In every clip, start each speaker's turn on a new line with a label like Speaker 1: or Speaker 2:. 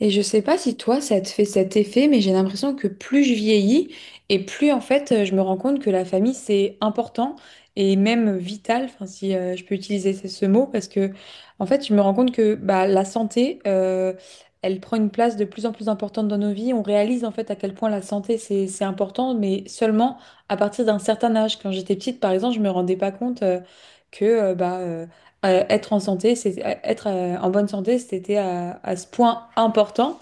Speaker 1: Et je sais pas si toi, ça te fait cet effet, mais j'ai l'impression que plus je vieillis et plus en fait, je me rends compte que la famille, c'est important et même vital, enfin, si je peux utiliser ce mot, parce que en fait, je me rends compte que bah, la santé, elle prend une place de plus en plus importante dans nos vies. On réalise en fait à quel point la santé, c'est important, mais seulement à partir d'un certain âge. Quand j'étais petite, par exemple, je me rendais pas compte que euh, bah, euh, être en santé, c'est être en bonne santé, c'était à ce point important.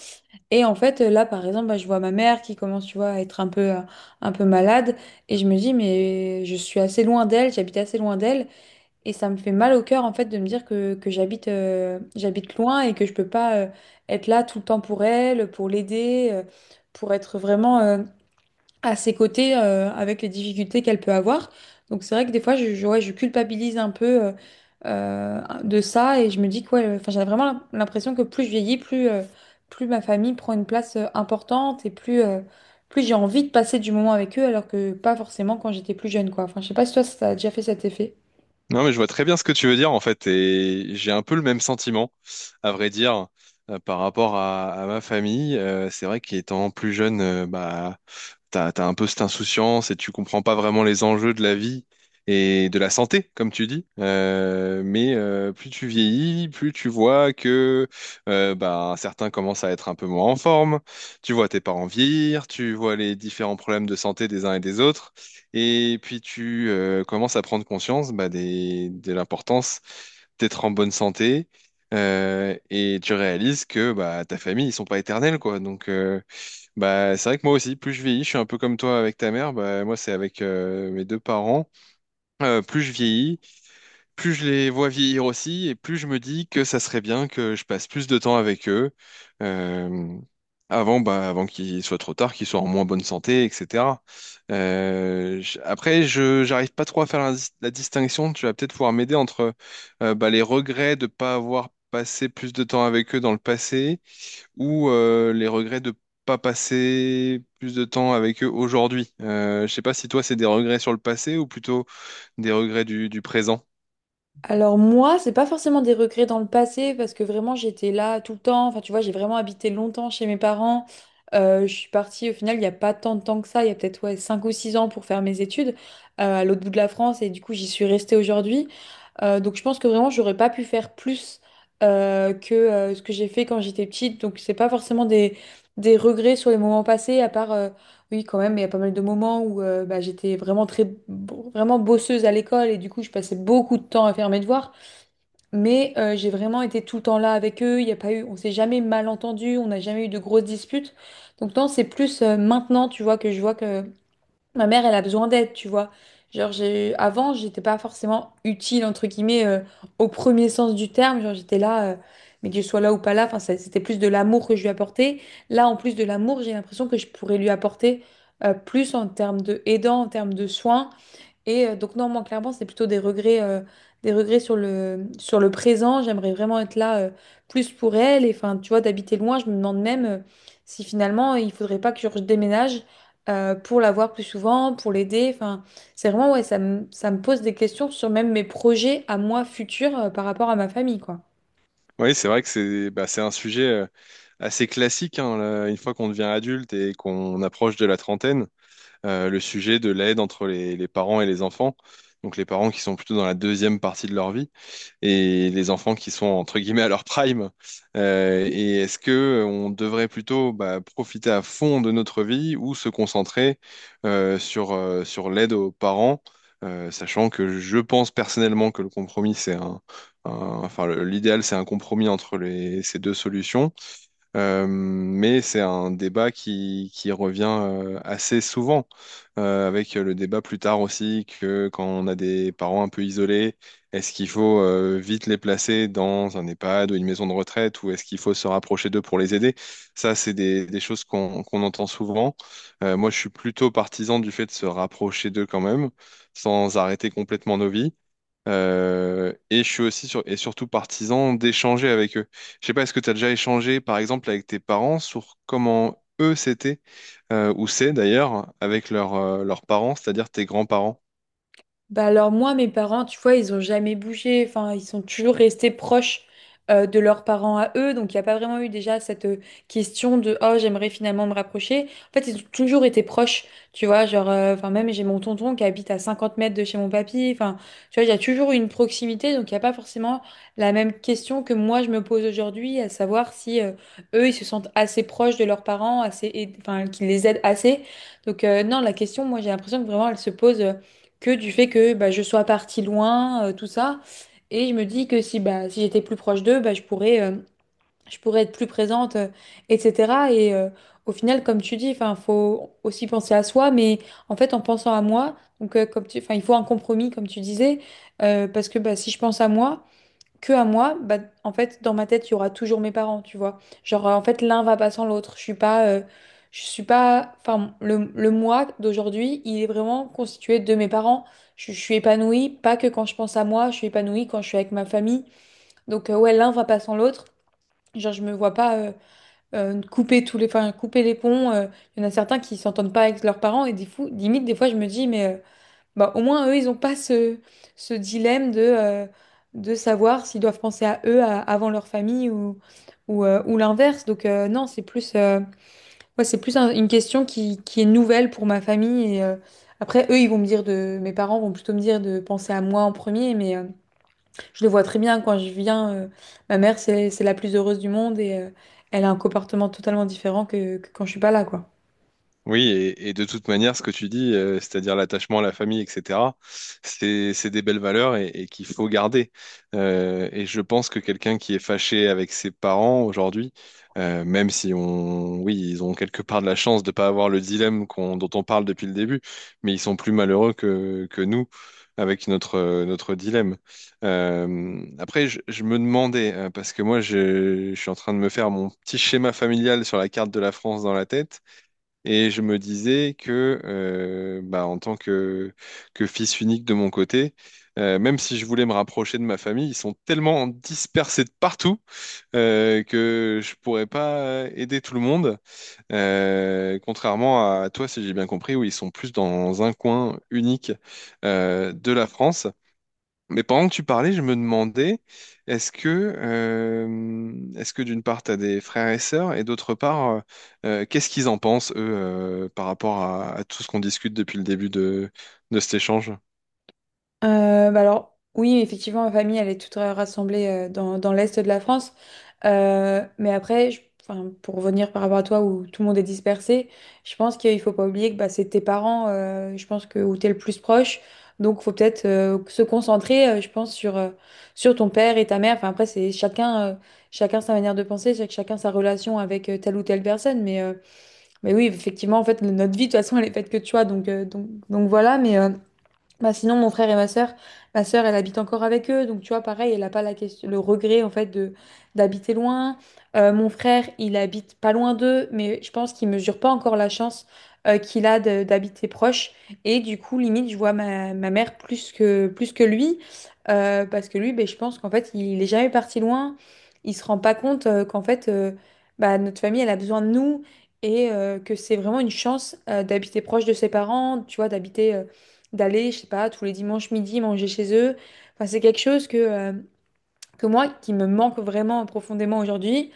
Speaker 1: Et en fait, là, par exemple, bah, je vois ma mère qui commence, tu vois, à être un peu malade, et je me dis, mais je suis assez loin d'elle, j'habite assez loin d'elle, et ça me fait mal au cœur, en fait, de me dire que j'habite, j'habite loin et que je peux pas être là tout le temps pour elle, pour l'aider, pour être vraiment, à ses côtés avec les difficultés qu'elle peut avoir. Donc c'est vrai que des fois, ouais, je culpabilise un peu de ça et je me dis que ouais, enfin, j'ai vraiment l'impression que plus je vieillis, plus ma famille prend une place importante et plus j'ai envie de passer du moment avec eux alors que pas forcément quand j'étais plus jeune, quoi. Enfin, je sais pas si toi, ça t'a déjà fait cet effet.
Speaker 2: Non, mais je vois très bien ce que tu veux dire en fait, et j'ai un peu le même sentiment, à vrai dire, par rapport à ma famille. C'est vrai qu'étant plus jeune, bah, t'as un peu cette insouciance et tu comprends pas vraiment les enjeux de la vie et de la santé, comme tu dis. Plus tu vieillis, plus tu vois que bah, certains commencent à être un peu moins en forme. Tu vois tes parents vieillir, tu vois les différents problèmes de santé des uns et des autres. Et puis tu commences à prendre conscience bah, de l'importance d'être en bonne santé et tu réalises que bah, ta famille, ils sont pas éternels, quoi. Donc bah, c'est vrai que moi aussi, plus je vieillis, je suis un peu comme toi avec ta mère, bah, moi c'est avec mes deux parents. Plus je vieillis, plus je les vois vieillir aussi, et plus je me dis que ça serait bien que je passe plus de temps avec eux euh, avant, bah, avant qu'il soit trop tard, qu'ils soient en moins bonne santé, etc. Après, je j'arrive pas trop à faire la, la distinction. Tu vas peut-être pouvoir m'aider entre bah, les regrets de pas avoir passé plus de temps avec eux dans le passé ou les regrets de pas passer plus de temps avec eux aujourd'hui. Je sais pas si toi c'est des regrets sur le passé ou plutôt des regrets du présent.
Speaker 1: Alors moi, c'est pas forcément des regrets dans le passé parce que vraiment j'étais là tout le temps. Enfin, tu vois, j'ai vraiment habité longtemps chez mes parents. Je suis partie au final il n'y a pas tant de temps que ça, il y a peut-être ouais, 5 ou 6 ans pour faire mes études à l'autre bout de la France et du coup j'y suis restée aujourd'hui. Donc je pense que vraiment j'aurais pas pu faire plus que ce que j'ai fait quand j'étais petite. Donc c'est pas forcément des regrets sur les moments passés à part oui, quand même, il y a pas mal de moments où bah, j'étais vraiment bosseuse à l'école et du coup, je passais beaucoup de temps à faire mes devoirs. Mais j'ai vraiment été tout le temps là avec eux. Il y a pas eu, on s'est jamais mal entendu, on n'a jamais eu de grosses disputes. Donc non, c'est plus maintenant, tu vois, que je vois que ma mère, elle a besoin d'aide, tu vois. Genre, j'ai... avant, j'étais pas forcément utile, entre guillemets, au premier sens du terme. Genre, j'étais là, mais que je sois là ou pas là, enfin, c'était plus de l'amour que je lui apportais. Là, en plus de l'amour, j'ai l'impression que je pourrais lui apporter plus en termes de aidant, en termes de soins. Et donc non, moi clairement, c'est plutôt des regrets sur sur le présent. J'aimerais vraiment être là plus pour elle. Et enfin, tu vois, d'habiter loin, je me demande même si finalement il faudrait pas que je déménage pour la voir plus souvent, pour l'aider. Enfin, c'est vraiment ouais, ça me pose des questions sur même mes projets à moi futurs par rapport à ma famille, quoi.
Speaker 2: Oui, c'est vrai que c'est bah, c'est un sujet assez classique, hein, là, une fois qu'on devient adulte et qu'on approche de la trentaine, le sujet de l'aide entre les parents et les enfants, donc les parents qui sont plutôt dans la deuxième partie de leur vie, et les enfants qui sont entre guillemets à leur prime. Et est-ce que on devrait plutôt bah, profiter à fond de notre vie ou se concentrer sur l'aide aux parents, sachant que je pense personnellement que le compromis, c'est un- enfin l'idéal, c'est un compromis entre ces deux solutions. Mais c'est un débat qui revient assez souvent, avec le débat plus tard aussi que quand on a des parents un peu isolés, est-ce qu'il faut vite les placer dans un EHPAD ou une maison de retraite, ou est-ce qu'il faut se rapprocher d'eux pour les aider? Ça, c'est des choses qu'on entend souvent. Moi, je suis plutôt partisan du fait de se rapprocher d'eux quand même, sans arrêter complètement nos vies. Et je suis aussi sur, et surtout partisan d'échanger avec eux. Je sais pas, est-ce que tu as déjà échangé, par exemple, avec tes parents sur comment eux c'était, ou c'est d'ailleurs, avec leurs leurs parents, c'est-à-dire tes grands-parents?
Speaker 1: Bah alors moi, mes parents, tu vois, ils ont jamais bougé. Enfin, ils sont toujours restés proches de leurs parents à eux. Donc, il n'y a pas vraiment eu déjà cette question de «Oh, j'aimerais finalement me rapprocher». En fait, ils ont toujours été proches, tu vois. Genre, enfin, même j'ai mon tonton qui habite à 50 mètres de chez mon papy. Enfin, tu vois, il y a toujours une proximité. Donc, il n'y a pas forcément la même question que moi, je me pose aujourd'hui, à savoir si eux, ils se sentent assez proches de leurs parents, enfin, qu'ils les aident assez. Donc, non, la question, moi, j'ai l'impression que vraiment, elle se pose... que du fait que bah, je sois partie loin, tout ça. Et je me dis que si, bah, si j'étais plus proche d'eux, bah, je pourrais être plus présente, etc. Et au final, comme tu dis, enfin, faut aussi penser à soi, mais en fait, en pensant à moi, donc, enfin, il faut un compromis, comme tu disais, parce que bah, si je pense à moi, que à moi, bah, en fait, dans ma tête, il y aura toujours mes parents, tu vois. Genre, en fait, l'un va pas sans l'autre. Je suis pas, enfin, le moi d'aujourd'hui, il est vraiment constitué de mes parents. Je suis épanouie, pas que quand je pense à moi, je suis épanouie quand je suis avec ma famille. Donc, ouais, l'un va pas sans l'autre. Genre, je me vois pas couper enfin, couper les ponts. Il y en a certains qui s'entendent pas avec leurs parents et des fous, limite, des fois, je me dis, mais bah, au moins, eux, ils n'ont pas ce dilemme de savoir s'ils doivent penser à avant leur famille ou, ou l'inverse. Donc, non, c'est c'est plus une question qui est nouvelle pour ma famille. Et, après, eux, ils vont me dire de, mes parents vont plutôt me dire de penser à moi en premier, mais je le vois très bien quand je viens. Ma mère, c'est la plus heureuse du monde et elle a un comportement totalement différent que quand je suis pas là, quoi.
Speaker 2: Oui, et de toute manière, ce que tu dis, c'est-à-dire l'attachement à la famille, etc., c'est des belles valeurs et qu'il faut garder. Et je pense que quelqu'un qui est fâché avec ses parents aujourd'hui, même si on, oui, ils ont quelque part de la chance de ne pas avoir le dilemme dont on parle depuis le début, mais ils sont plus malheureux que nous avec notre, notre dilemme. Après, je me demandais, parce que moi, je suis en train de me faire mon petit schéma familial sur la carte de la France dans la tête. Et je me disais que, bah, que fils unique de mon côté, même si je voulais me rapprocher de ma famille, ils sont tellement dispersés de partout que je pourrais pas aider tout le monde. Contrairement à toi, si j'ai bien compris, où ils sont plus dans un coin unique de la France. Mais pendant que tu parlais, je me demandais, est-ce que d'une part, tu as des frères et sœurs, et d'autre part, qu'est-ce qu'ils en pensent, eux, par rapport à tout ce qu'on discute depuis le début de cet échange?
Speaker 1: Bah alors, oui, effectivement, ma famille, elle est toute rassemblée dans l'Est de la France. Mais après, enfin, pour revenir par rapport à toi où tout le monde est dispersé, je pense qu'il faut pas oublier que bah, c'est tes parents, je pense que où t'es le plus proche. Donc, faut peut-être se concentrer, je pense, sur ton père et ta mère. Enfin, après, chacun sa manière de penser, chacun sa relation avec telle ou telle personne. Mais oui, effectivement, en fait, notre vie, de toute façon, elle est faite que de choix. Donc, donc voilà, mais bah sinon, mon frère et ma sœur, elle habite encore avec eux. Donc, tu vois, pareil, elle n'a pas la question, le regret, en fait, de d'habiter loin. Mon frère, il habite pas loin d'eux, mais je pense qu'il mesure pas encore la chance qu'il a d'habiter proche. Et du coup, limite, je vois ma mère plus que lui. Parce que lui, ben, je pense qu'en fait, il est jamais parti loin. Il se rend pas compte bah, notre famille, elle a besoin de nous. Et que c'est vraiment une chance d'habiter proche de ses parents, tu vois, d'habiter... d'aller, je sais pas, tous les dimanches midi manger chez eux. Enfin, c'est quelque chose que moi, qui me manque vraiment profondément aujourd'hui.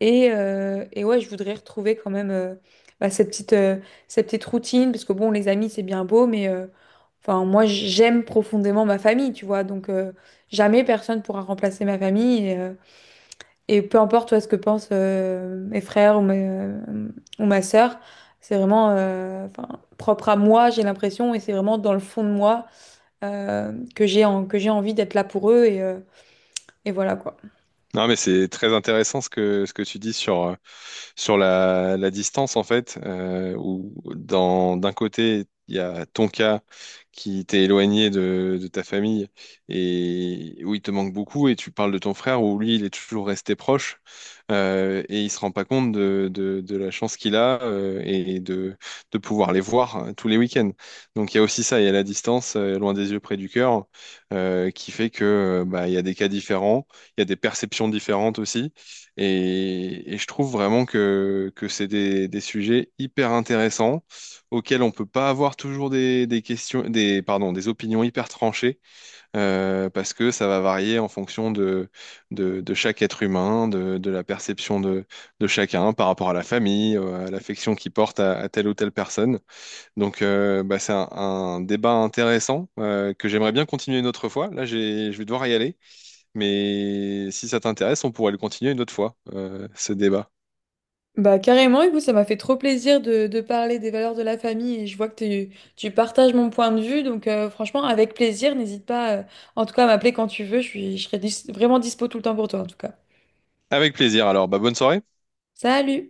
Speaker 1: Et ouais, je voudrais retrouver quand même bah, cette petite routine, parce que bon, les amis, c'est bien beau, mais enfin, moi, j'aime profondément ma famille, tu vois. Donc, jamais personne pourra remplacer ma famille. Et peu importe, toi, ce que pensent mes frères ou ma sœur, c'est vraiment enfin, propre à moi, j'ai l'impression, et c'est vraiment dans le fond de moi que j'ai envie d'être là pour eux et voilà quoi.
Speaker 2: Non, mais c'est très intéressant ce que tu dis sur, sur la distance, en fait, où dans, d'un côté, il y a ton cas qui t'est éloigné de ta famille et où il te manque beaucoup, et tu parles de ton frère où lui, il est toujours resté proche et il se rend pas compte de la chance qu'il a et de pouvoir les voir tous les week-ends. Donc, il y a aussi ça, il y a la distance, loin des yeux, près du cœur, qui fait que bah, il y a des cas différents, il y a des perceptions différentes aussi. Et je trouve vraiment que c'est des sujets hyper intéressants auxquels on peut pas avoir toujours pardon, des opinions hyper tranchées parce que ça va varier en fonction de, de chaque être humain, de la perception de chacun par rapport à la famille, à l'affection qu'il porte à telle ou telle personne. Donc, bah, c'est un débat intéressant que j'aimerais bien continuer une autre fois. Là, j'ai, je vais devoir y aller. Mais si ça t'intéresse, on pourrait le continuer une autre fois, ce débat.
Speaker 1: Bah carrément, écoute, ça m'a fait trop plaisir de parler des valeurs de la famille et je vois que tu, tu partages mon point de vue, donc franchement, avec plaisir, n'hésite pas en tout cas à m'appeler quand tu veux, je serai vraiment dispo tout le temps pour toi en tout cas.
Speaker 2: Avec plaisir. Alors, bah, bonne soirée.
Speaker 1: Salut!